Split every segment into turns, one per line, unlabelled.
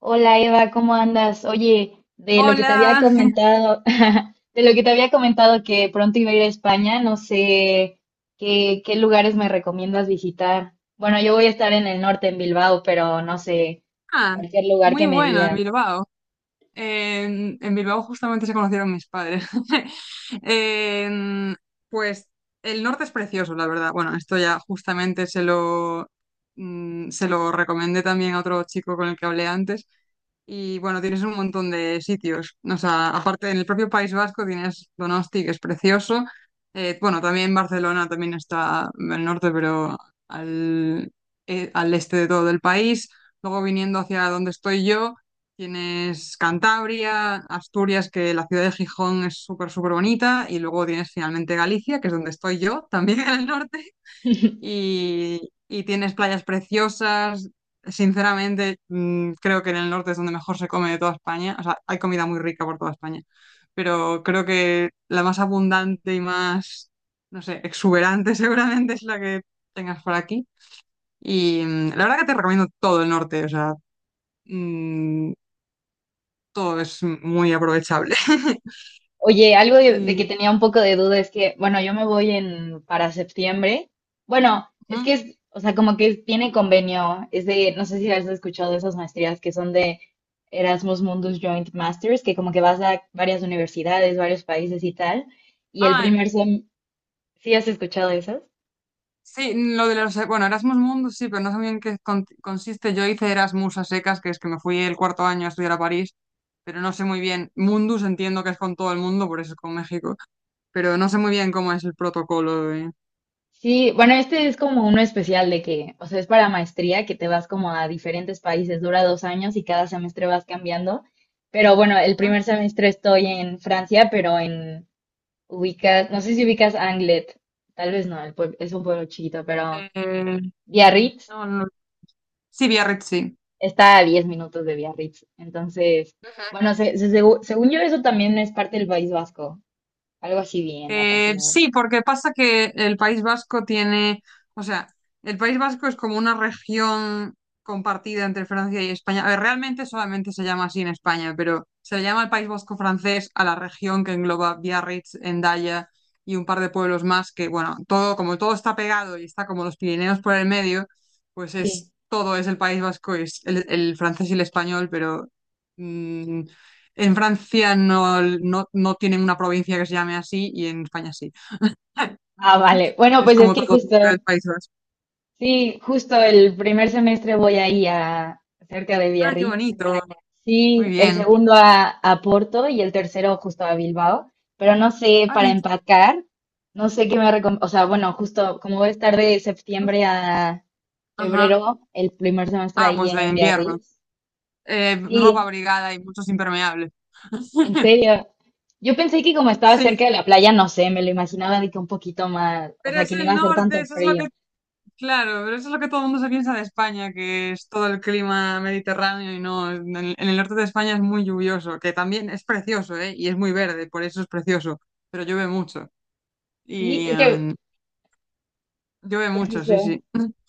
Hola Eva, ¿cómo andas? Oye, de lo que te había
Hola.
comentado, de lo que te había comentado que pronto iba a ir a España, no sé qué, qué lugares me recomiendas visitar. Bueno, yo voy a estar en el norte, en Bilbao, pero no sé,
Ah,
cualquier lugar
muy
que me
bueno, en
digas.
Bilbao. En Bilbao justamente se conocieron mis padres. En- pues el norte es precioso, la verdad. Bueno, esto ya justamente se lo recomendé también a otro chico con el que hablé antes. Y bueno, tienes un montón de sitios. O sea, aparte en el propio País Vasco tienes Donosti, que es precioso. Bueno, también Barcelona también está en el norte, pero al, al este de todo el país. Luego viniendo hacia donde estoy yo, tienes Cantabria, Asturias, que la ciudad de Gijón es súper, súper bonita. Y luego tienes finalmente Galicia, que es donde estoy yo, también en el norte y, y tienes playas preciosas. Sinceramente, creo que en el norte es donde mejor se come de toda España. O sea, hay comida muy rica por toda España, pero creo que la más abundante y más, no sé, exuberante seguramente es la que tengas por aquí. Y la verdad que te recomiendo todo el norte, o sea, mm, todo es muy aprovechable.
Oye, algo de que
Y,
tenía un poco de duda es que, bueno, yo me voy en para septiembre. Bueno, es que
ujú.
es, o sea, como que tiene convenio, es de, no sé si has escuchado esas maestrías que son de Erasmus Mundus Joint Masters, que como que vas a varias universidades, varios países y tal. Y el
Ah,
primer sem, ¿sí has escuchado esas?
sí, lo de los, bueno, Erasmus Mundus sí, pero no sé muy bien qué consiste. Yo hice Erasmus a secas, que es que me fui el cuarto año a estudiar a París, pero no sé muy bien. Mundus entiendo que es con todo el mundo, por eso es con México, pero no sé muy bien cómo es el protocolo de...
Sí, bueno, este
como-
es como uno especial de que, o sea, es para maestría, que te vas como a diferentes países, dura dos años y cada semestre vas cambiando. Pero bueno, el primer semestre estoy en Francia, pero en ubicas, no sé si ubicas Anglet, tal vez no, el es un pueblo chiquito, pero
Eh, eh,
Biarritz
no, no. Sí, Biarritz, sí.
está a 10 minutos de Biarritz. Entonces, bueno, según yo eso también es parte del País Vasco, algo así vi en la página.
Sí, porque pasa que el País Vasco tiene, o sea, el País Vasco es como una región compartida entre Francia y España. A ver, realmente solamente se llama así en España, pero se le llama el País Vasco francés a la región que engloba Biarritz, Endaya y un par de pueblos más que, bueno, todo, como todo está pegado y está como los Pirineos por el medio, pues
Sí.
es todo es el País Vasco, es el francés y el español, pero mm, en Francia no tienen una provincia que se llame así y en España sí.
Ah, vale. Bueno,
Es
pues es
como
que
todo
justo...
el País Vasco.
Sí, justo el primer semestre voy ahí a cerca de
Ah, qué
Biarritz.
bonito. Muy
Sí, el
bien.
segundo a Porto y el tercero justo a Bilbao. Pero no sé
Ah, qué
para
interesante.
empacar, no sé qué me recomiendo. O sea, bueno, justo como voy a estar de septiembre a
Ajá.
febrero, el primer semestre
Ah,
ahí
pues de
en
invierno.
Biarritz.
Ropa
Sí,
abrigada y muchos impermeables.
en serio. Yo pensé que como estaba
Sí,
cerca de la playa, no sé, me lo imaginaba de que un poquito más, o
pero
sea,
es
que no iba
el
a hacer
norte,
tanto
eso es lo que,
frío.
claro, pero eso es lo que todo el mundo se piensa de España, que es todo el clima mediterráneo y no, en en el norte de España es muy lluvioso, que también es precioso, ¿eh? Y es muy verde, por eso es precioso, pero llueve mucho.
Sí,
Y,
es que,
eh, Llueve
pues
mucho, sí,
eso.
sí.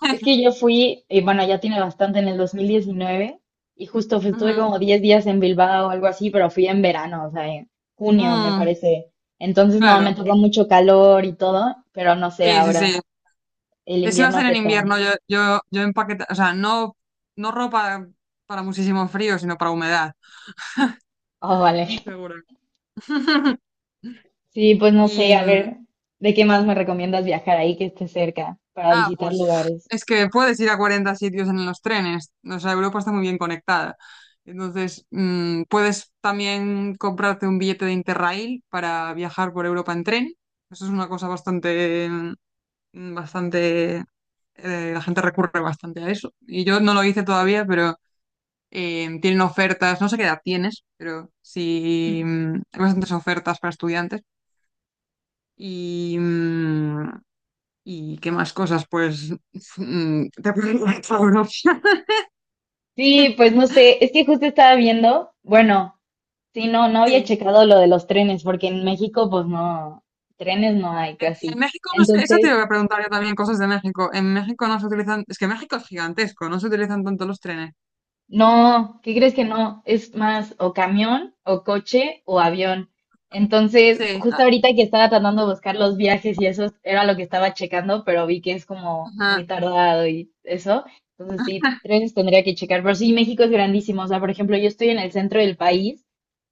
Es que yo fui, bueno, ya tiene bastante, en el 2019, y justo estuve
Ujú.
como 10 días en Bilbao o algo así, pero fui en verano, o sea, en junio, me
Mm,
parece. Entonces, no, me
claro,
tocó mucho calor y todo, pero no sé
sí, sí,
ahora,
sí.
el
Si va a
invierno
ser
qué
en
tal.
invierno, yo empaqueta, o sea, no, no ropa para muchísimo frío, sino para humedad.
Oh, vale.
Seguro.
Sí, pues no sé,
Y,
a
mm,
ver, ¿de qué más me recomiendas viajar ahí que esté cerca para
ah,
visitar
pues
lugares?
es que puedes ir a 40 sitios en los trenes. O sea, Europa está muy bien conectada. Entonces, puedes también comprarte un billete de Interrail para viajar por Europa en tren. Eso es una cosa bastante, la gente recurre bastante a eso. Y yo no lo hice todavía, pero tienen ofertas, no sé qué edad tienes, pero sí, hay bastantes ofertas para estudiantes. Y, mm, ¿Y qué más cosas? Pues te pueden ir a Europa.
Sí, pues no sé, es que justo estaba viendo, bueno. Sí, no, no había
Sí.
checado lo de los trenes, porque en México, pues no, trenes no hay
En
casi.
México, no sé, eso te
Entonces,
iba a preguntar yo también, cosas de México. En México no se utilizan, es que México es gigantesco, no se utilizan tanto los trenes.
no, ¿qué crees que no? Es más o camión, o coche, o avión. Entonces,
Sí,
justo ahorita que estaba tratando de buscar los viajes y eso era lo que estaba checando, pero vi que es como muy
ajá.
tardado y eso. Entonces, sí, trenes tendría que checar. Pero sí, México es grandísimo. O sea, por ejemplo, yo estoy en el centro del país,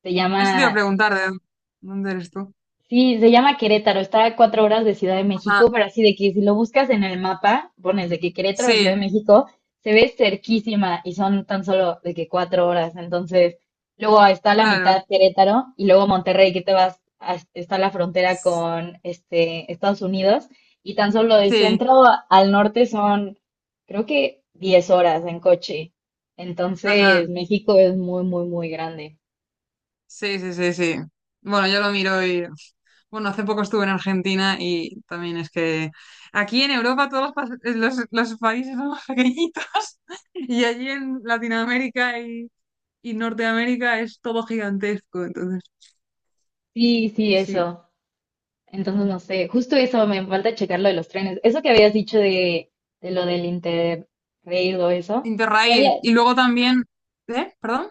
se
Eso te iba a
llama.
preguntar, ¿de dónde eres tú?
Sí, se llama Querétaro, está a 4 horas de Ciudad de
Ajá.
México, pero así de que si lo buscas en el mapa, pones de que Querétaro, Ciudad
Sí,
de México, se ve cerquísima y son tan solo de que 4 horas. Entonces, luego está la
claro,
mitad Querétaro y luego Monterrey, que te vas, está la frontera con este, Estados Unidos y tan solo del
sí,
centro al norte son, creo que 10 horas en coche. Entonces,
ajá,
México es muy, muy, muy grande.
sí, sí, sí, sí. Bueno, yo lo miro y, bueno, hace poco estuve en Argentina y también es que aquí en Europa todos los países son más pequeñitos y allí en Latinoamérica y Norteamérica es todo gigantesco, entonces,
Sí, sí,
sí, sí.
eso. Entonces, no sé, justo eso, me falta checar lo de los trenes. Eso que habías dicho de lo del Interrail o eso, ya
Interrail.
había,
Y luego también, ¿eh? ¿Perdón?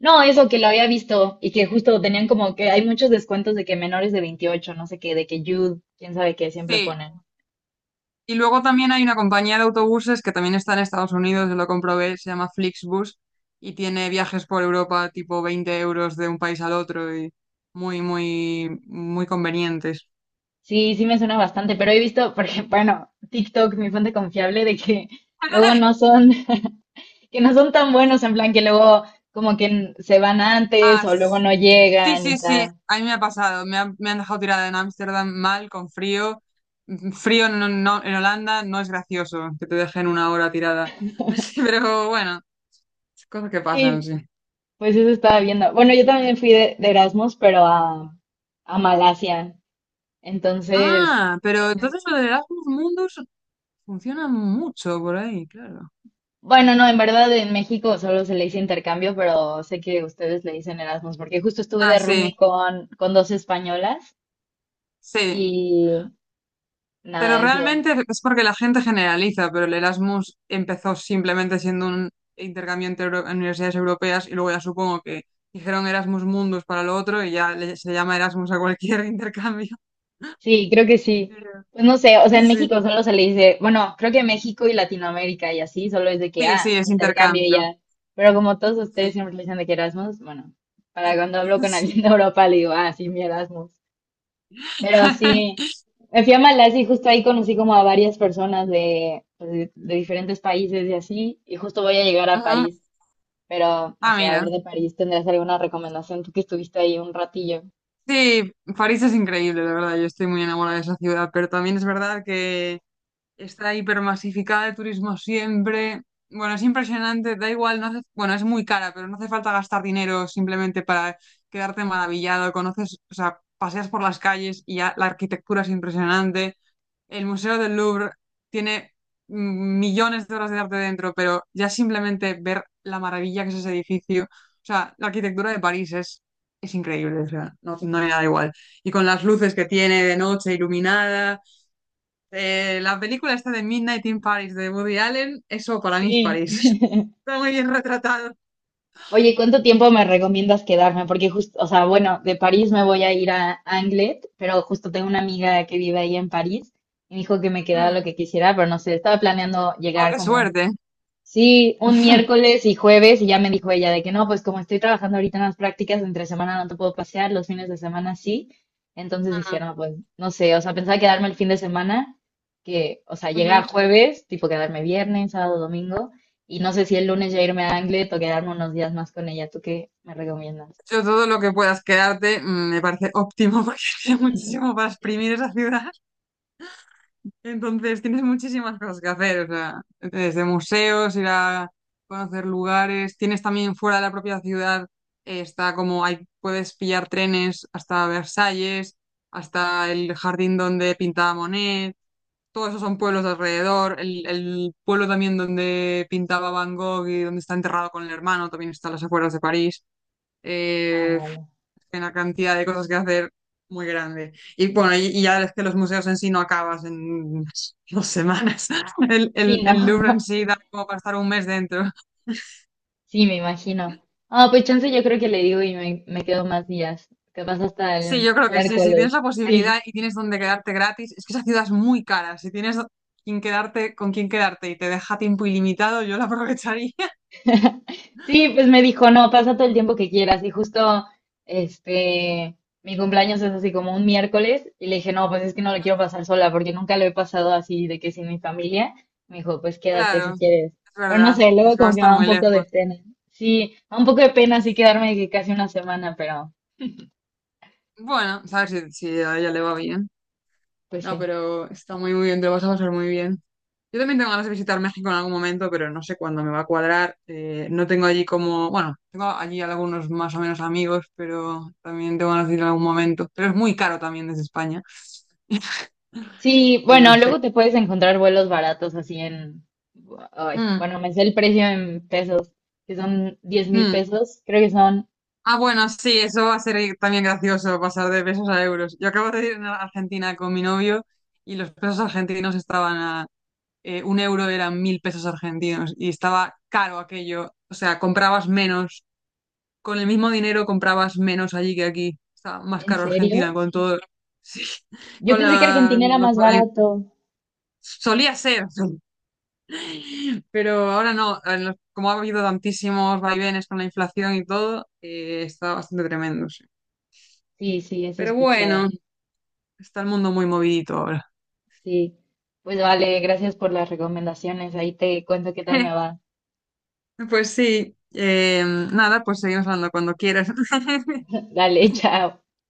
no, eso que lo había visto y que justo tenían como que hay muchos descuentos de que menores de 28 no sé qué, de que Youth, quién sabe qué, siempre
Sí,
ponen.
y luego también hay una compañía de autobuses que también está en Estados Unidos, yo lo comprobé, se llama Flixbus y tiene viajes por Europa tipo 20 euros de un país al otro y muy, muy, muy convenientes.
Sí, sí me suena bastante, pero he visto, porque, bueno, TikTok, mi fuente confiable, de que luego no son, que no son tan buenos, en plan que luego como que se van
Ah,
antes o luego
s-
no
sí,
llegan y
sí, sí,
tal.
a mí me ha pasado, me han dejado tirada en Ámsterdam mal, con frío. Frío en Holanda no es gracioso que te dejen una hora tirada. Pero bueno, cosas que pasan,
Sí.
sí.
Pues eso estaba viendo. Bueno, yo también fui de Erasmus, pero a Malasia. Entonces,
Ah, pero entonces lo de Erasmus Mundus funciona mucho por ahí, claro.
bueno, no, en verdad en México solo se le dice intercambio, pero sé que ustedes le dicen Erasmus, porque justo estuve
Ah,
de
sí,
roomie con dos españolas
sí.
y
Pero
nada, eso.
realmente es porque la gente generaliza, pero el Erasmus empezó simplemente siendo un intercambio entre universidades europeas y luego ya supongo que dijeron Erasmus Mundus para lo otro y ya se llama Erasmus a cualquier intercambio.
Sí, creo que sí.
Pero-
Pues no sé, o sea, en
sí.
México solo se le dice, bueno, creo que México y Latinoamérica y así, solo es de que,
Sí, sí,
ah,
es
intercambio y
intercambio.
ya. Pero como todos ustedes
Sí.
siempre le dicen de que Erasmus, bueno, para cuando hablo con
Sí.
alguien de Europa le digo, ah, sí, mi Erasmus. Pero sí, me fui a Malasia y justo ahí conocí como a varias personas de, pues, de diferentes países y así, y justo voy a llegar a
Ujú.
París, pero no
Ah,
sé, a
mira.
ver de París, ¿tendrás alguna recomendación tú que estuviste ahí un ratillo?
Sí, París es increíble, la verdad. Yo estoy muy enamorada de esa ciudad, pero también es verdad que está hipermasificada de turismo siempre. Bueno, es impresionante, da igual, no hace- bueno, es muy cara, pero no hace falta gastar dinero simplemente para quedarte maravillado. Conoces, o sea, paseas por las calles y ya la arquitectura es impresionante. El Museo del Louvre tiene millones de horas de arte dentro, pero ya simplemente ver la maravilla que es ese edificio, o sea, la arquitectura de París es increíble, o sea, no, no hay nada igual. Y con las luces que tiene de noche iluminada la película esta de Midnight in Paris de Woody Allen, eso para mí es
Sí.
París. Está muy bien retratado.
Oye, ¿cuánto tiempo me recomiendas quedarme? Porque justo, o sea, bueno, de París me voy a ir a Anglet, pero justo tengo una amiga que vive ahí en París y me dijo que me quedara lo
Mm.
que quisiera, pero no sé, estaba planeando
Oh,
llegar
qué
como.
suerte.
Sí, un miércoles y jueves y ya me dijo ella de que no, pues como estoy trabajando ahorita en las prácticas, entre semana no te puedo pasear, los fines de semana sí. Entonces dije, no, pues no sé, o sea, pensaba quedarme el fin de semana, que, o sea, llegar
Ujú.
jueves, tipo quedarme viernes, sábado, domingo, y no sé si el lunes ya irme a Anglet o quedarme unos días más con ella. ¿Tú qué me recomiendas?
Yo todo lo que puedas quedarte me parece óptimo porque tiene muchísimo para exprimir esa ciudad. Entonces tienes muchísimas cosas que hacer, o sea, desde museos, ir a conocer lugares. Tienes también fuera de la propia ciudad, está como hay, puedes pillar trenes hasta Versalles, hasta el jardín donde pintaba Monet. Todos esos son pueblos de alrededor. El pueblo también donde pintaba Van Gogh y donde está enterrado con el hermano también está a las afueras de París.
Ah,
Eh,
vale.
una cantidad de cosas que hacer muy grande. Y bueno, y ya es que los museos en sí no acabas en dos semanas. El,
Sí,
el,
¿no?
el Louvre en sí da como para estar un mes dentro.
Sí, me imagino. Ah, pues chance yo creo que le digo y me quedo más días, capaz hasta
Sí,
el
yo creo que sí. Si tienes
miércoles.
la
Sí.
posibilidad y tienes donde quedarte gratis, es que esa ciudad es muy cara. Si tienes quien quedarte, con quien quedarte y te deja tiempo ilimitado, yo la aprovecharía.
Sí, pues me dijo, no, pasa todo el tiempo que quieras. Y justo, este, mi cumpleaños es así como un miércoles. Y le dije, no, pues es que no lo quiero pasar sola porque nunca lo he pasado así de que sin mi familia. Me dijo, pues quédate si
Claro. Es
quieres. Pero no
verdad,
sé, luego
es que va a
como que me
estar
da un
muy
poco de
lejos.
pena. Sí, me da un poco de pena así quedarme de que casi una semana, pero
Bueno, sabes si, si a ella le va bien.
pues
No,
sí.
pero está muy, muy bien, te lo vas a pasar muy bien. Yo también tengo ganas de visitar México en algún momento, pero no sé cuándo me va a cuadrar. No tengo allí como, bueno, tengo allí algunos más o menos amigos, pero también tengo ganas de ir en algún momento. Pero es muy caro también desde España.
Sí,
Y no
bueno,
sé.
luego te puedes encontrar vuelos baratos así en... Ay,
Mm,
bueno, me sé el precio en pesos, que son diez mil
mm.
pesos. Creo que son,
Ah, bueno, sí, eso va a ser también gracioso, pasar de pesos a euros. Yo acabo de ir a Argentina con mi novio y los pesos argentinos estaban a un euro eran 1000 pesos argentinos y estaba caro aquello. O sea, comprabas menos. Con el mismo dinero comprabas menos allí que aquí. Está más
¿en
caro
serio?
Argentina con todo. Sí,
Yo
con
pensé que
la.
Argentina era
los-
más
eh,
barato.
solía ser, sí. Pero ahora no. Como ha habido tantísimos vaivenes con la inflación y todo, está bastante tremendo, sí.
Sí, sí, eso he
Pero bueno,
escuchado.
está el mundo muy movidito ahora.
Sí. Pues vale, gracias por las recomendaciones. Ahí te cuento qué tal me va.
Pues sí. Nada, pues seguimos hablando cuando quieras.
Dale, chao.